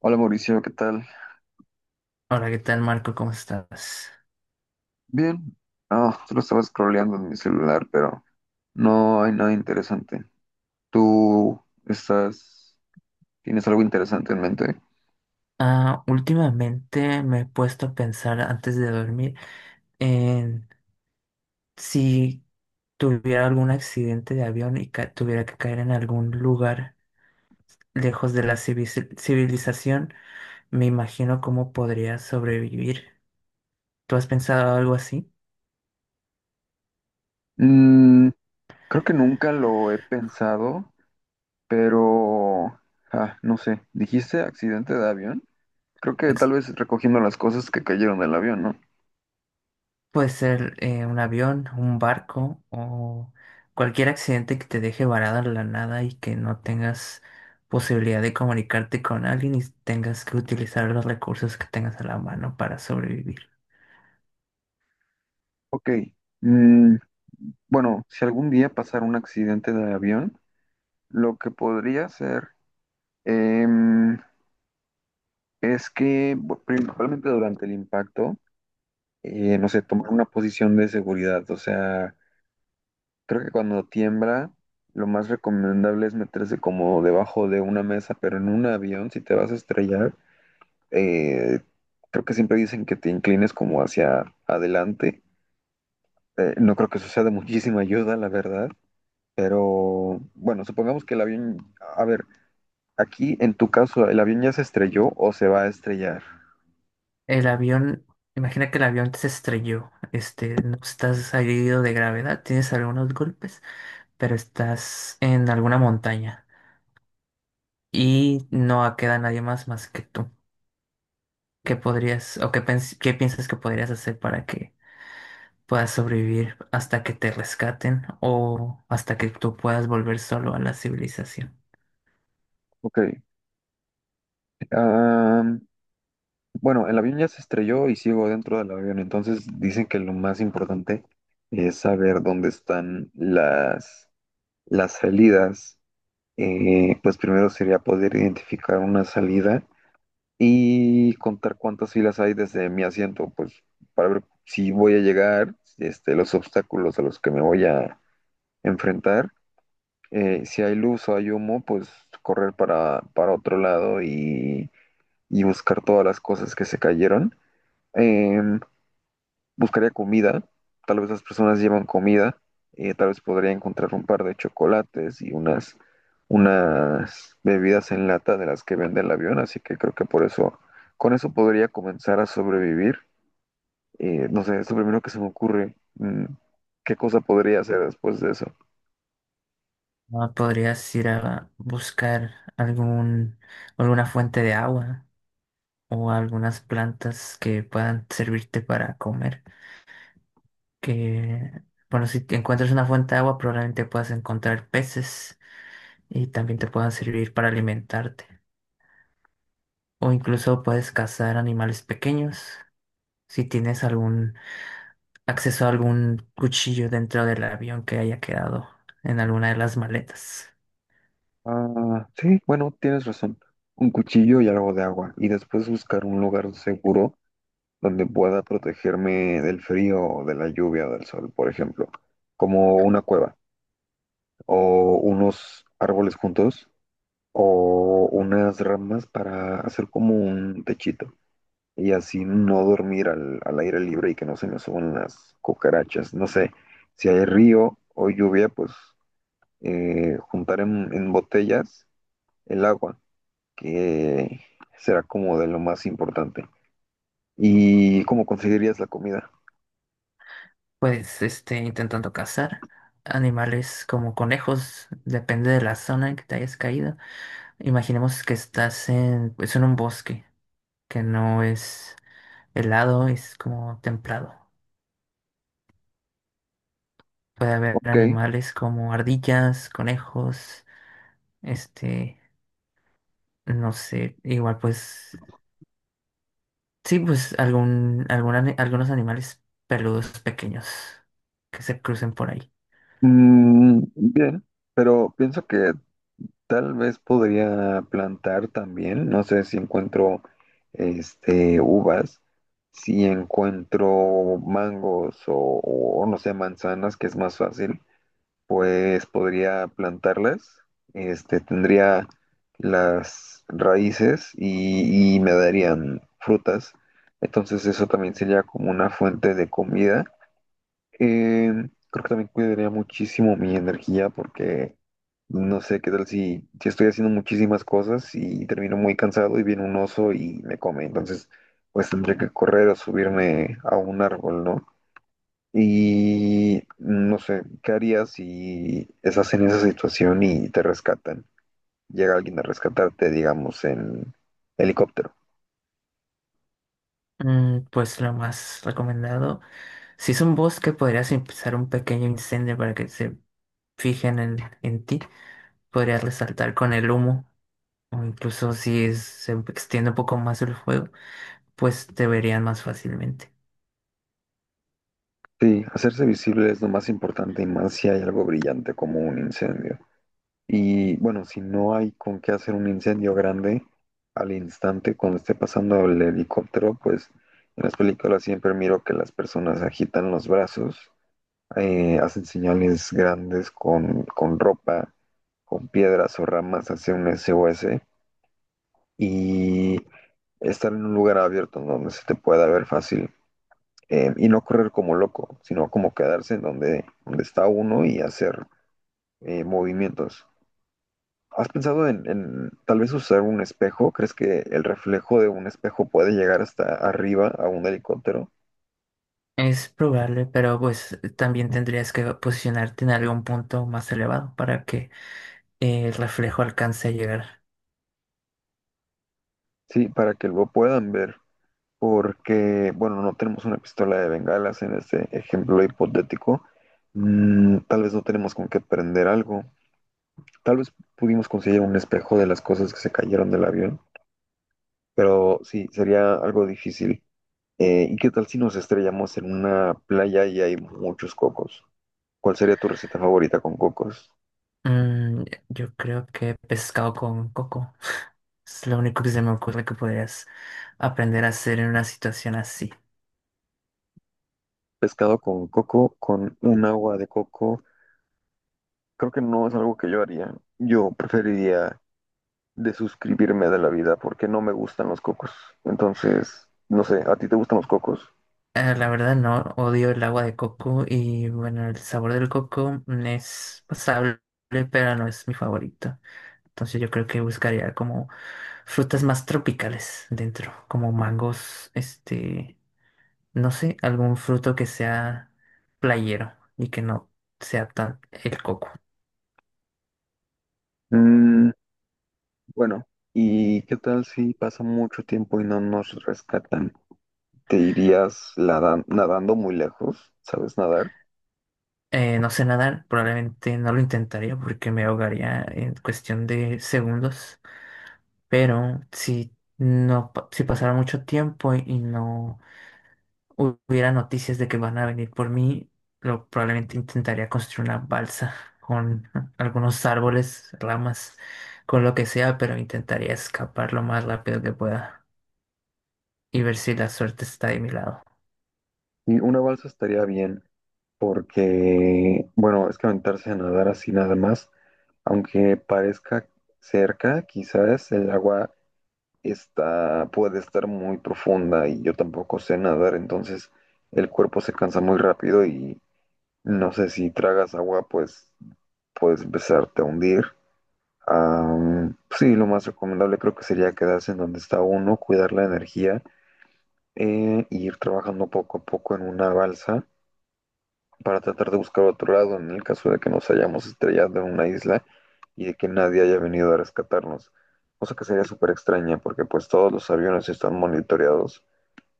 Hola Mauricio, ¿qué tal? Hola, ¿qué tal, Marco? ¿Cómo estás? Bien. Ah, solo estaba scrolleando en mi celular, pero no hay nada interesante. ¿Tú estás, tienes algo interesante en mente? Ah, últimamente me he puesto a pensar antes de dormir en si tuviera algún accidente de avión y tuviera que caer en algún lugar lejos de la civilización, me imagino cómo podría sobrevivir. ¿Tú has pensado algo así? Mm, creo que nunca lo he pensado, pero no sé. ¿Dijiste accidente de avión? Creo que tal vez recogiendo las cosas que cayeron del avión, ¿no? Puede ser un avión, un barco o cualquier accidente que te deje varado en la nada y que no tengas posibilidad de comunicarte con alguien y tengas que utilizar los recursos que tengas a la mano para sobrevivir. Ok. Mm, bueno, si algún día pasara un accidente de avión, lo que podría hacer, em, principalmente durante el impacto, no sé, tomar una posición de seguridad. O sea, creo que cuando tiembla, lo más recomendable es meterse como debajo de una mesa, pero en un avión, si te vas a estrellar, eh, creo que siempre dicen que te inclines como hacia adelante. No creo que eso sea de muchísima ayuda, la verdad. Pero bueno, supongamos que el avión, a ver, aquí en tu caso, ¿el avión ya se estrelló o se va a estrellar? El avión, imagina que el avión se estrelló, este, no estás herido de gravedad, tienes algunos golpes, pero estás en alguna montaña y no queda nadie más que tú. ¿Qué podrías o qué piensas que podrías hacer para que puedas sobrevivir hasta que te rescaten o hasta que tú puedas volver solo a la civilización? Ok. Am, bueno, el avión ya se estrelló y sigo dentro del avión, entonces dicen que lo más importante es saber dónde están las salidas. Pues primero sería poder identificar una salida y contar cuántas filas hay desde mi asiento, pues para ver si voy a llegar, este, los obstáculos a los que me voy a enfrentar. Si hay luz o hay humo, pues correr para otro lado y buscar todas las cosas que se cayeron. em, buscaría comida, tal vez las personas llevan comida, tal vez podría encontrar un par de chocolates y unas bebidas en lata de las que vende el avión, así que creo que por eso, con eso podría comenzar a sobrevivir. No sé, es lo primero que se me ocurre. ¿Qué cosa podría hacer después de eso? Ah, podrías ir a buscar algún, alguna fuente de agua o algunas plantas que puedan servirte para comer. Que, bueno, si te encuentras una fuente de agua, probablemente puedas encontrar peces y también te puedan servir para alimentarte. O incluso puedes cazar animales pequeños. Si tienes algún acceso a algún cuchillo dentro del avión que haya quedado en alguna de las maletas. Ah, sí, bueno, tienes razón. Un cuchillo y algo de agua. Y después buscar un lugar seguro donde pueda protegerme del frío, o de la lluvia o del sol, por ejemplo, como una cueva o unos árboles juntos o unas ramas para hacer como un techito y así no dormir al aire libre y que no se me suban las cucarachas. No sé, si hay río o lluvia, pues juntar en botellas el agua, que será como de lo más importante. ¿Y cómo conseguirías la comida? Pues, este, intentando cazar animales como conejos, depende de la zona en que te hayas caído. Imaginemos que estás en, pues, en un bosque que no es helado, es como templado. Puede haber Ok. animales como ardillas, conejos, este, no sé, igual pues sí, pues algún algunos animales peludos pequeños que se crucen por ahí. Bien, pero pienso que tal vez podría plantar también. No sé si encuentro este uvas, si encuentro mangos o no sé, manzanas, que es más fácil, pues podría plantarlas. Este tendría las raíces y me darían frutas. Entonces eso también sería como una fuente de comida. eh, Creo que también cuidaría muchísimo mi energía porque no sé qué tal si estoy haciendo muchísimas cosas y termino muy cansado y viene un oso y me come. Entonces, pues tendría que correr o subirme a un árbol, ¿no? Y no sé, ¿qué harías si estás en esa situación y te rescatan? Llega alguien a rescatarte, digamos, en helicóptero. Mm, pues lo más recomendado, si es un bosque, podrías empezar un pequeño incendio para que se fijen en ti. Podrías resaltar con el humo, o incluso si se extiende un poco más el fuego, pues te verían más fácilmente. Sí, hacerse visible es lo más importante y más si hay algo brillante como un incendio. Y bueno, si no hay con qué hacer un incendio grande al instante cuando esté pasando el helicóptero, pues en las películas siempre miro que las personas agitan los brazos, hacen señales grandes con ropa, con piedras o ramas hacia un SOS y estar en un lugar abierto en donde se te pueda ver fácil. Y no correr como loco, sino como quedarse en donde, donde está uno y hacer movimientos. ¿Has pensado en tal vez usar un espejo? ¿Crees que el reflejo de un espejo puede llegar hasta arriba a un helicóptero? Es probable, pero pues también tendrías que posicionarte en algún punto más elevado para que el reflejo alcance a llegar. Sí, para que lo puedan ver, porque, bueno, no tenemos una pistola de bengalas en este ejemplo hipotético. Tal vez no tenemos con qué prender algo. Tal vez pudimos conseguir un espejo de las cosas que se cayeron del avión, pero sí, sería algo difícil. ¿Y qué tal si nos estrellamos en una playa y hay muchos cocos? ¿Cuál sería tu receta favorita con cocos? Mm, yo creo que pescado con coco. Es lo único que se me ocurre que podrías aprender a hacer en una situación así. Pescado con coco, con un agua de coco, creo que no es algo que yo haría. Yo preferiría desuscribirme de la vida porque no me gustan los cocos. Entonces, no sé, ¿a ti te gustan los cocos? La verdad no, odio el agua de coco y bueno, el sabor del coco mm, es pasable, pero no es mi favorito. Entonces yo creo que buscaría como frutas más tropicales dentro, como mangos, este, no sé, algún fruto que sea playero y que no sea tan el coco. Mm, bueno, ¿y qué tal si pasa mucho tiempo y no nos rescatan? ¿ Nadando muy lejos? ¿Sabes nadar? No sé nadar, probablemente no lo intentaría porque me ahogaría en cuestión de segundos, pero si no, si pasara mucho tiempo y no hubiera noticias de que van a venir por mí, lo, probablemente intentaría construir una balsa con algunos árboles, ramas, con lo que sea, pero intentaría escapar lo más rápido que pueda y ver si la suerte está de mi lado. Y una balsa estaría bien porque, bueno, es que aventarse a nadar así nada más. Aunque parezca cerca, quizás el agua puede estar muy profunda y yo tampoco sé nadar, entonces el cuerpo se cansa muy rápido y no sé si tragas agua, pues puedes empezarte a hundir. Sí, lo más recomendable creo que sería quedarse en donde está uno, cuidar la energía, e ir trabajando poco a poco en una balsa para tratar de buscar otro lado en el caso de que nos hayamos estrellado en una isla y de que nadie haya venido a rescatarnos. Cosa que sería súper extraña porque pues todos los aviones están monitoreados.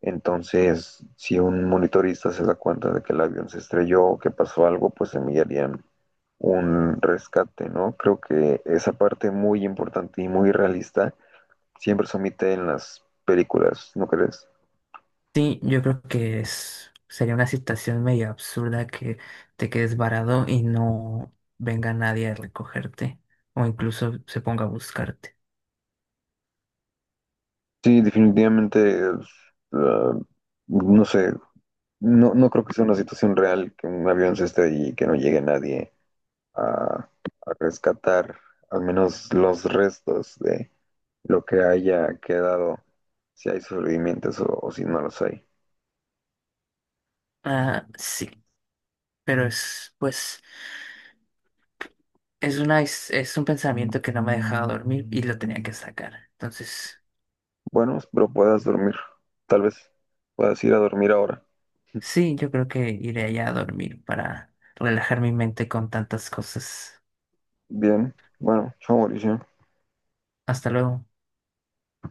Entonces, si un monitorista se da cuenta de que el avión se estrelló o que pasó algo, pues enviarían un rescate, ¿no? Creo que esa parte muy importante y muy realista siempre se omite en las películas, ¿no crees? Sí, yo creo que es, sería una situación medio absurda que te quedes varado y no venga nadie a recogerte o incluso se ponga a buscarte. Sí, definitivamente, es, uh, no sé, no, no creo que sea una situación real que un avión se estrelle y que no llegue nadie a, a rescatar al menos los restos de lo que haya quedado, si hay sobrevivientes o si no los hay. Ah, sí, pero es, pues, es una, es un pensamiento que no me dejaba dormir y lo tenía que sacar. Entonces, Bueno, espero puedas dormir. Tal vez puedas ir a dormir ahora. sí, yo creo que iré allá a dormir para relajar mi mente con tantas cosas. Bien, bueno, chao Mauricio. Hasta luego.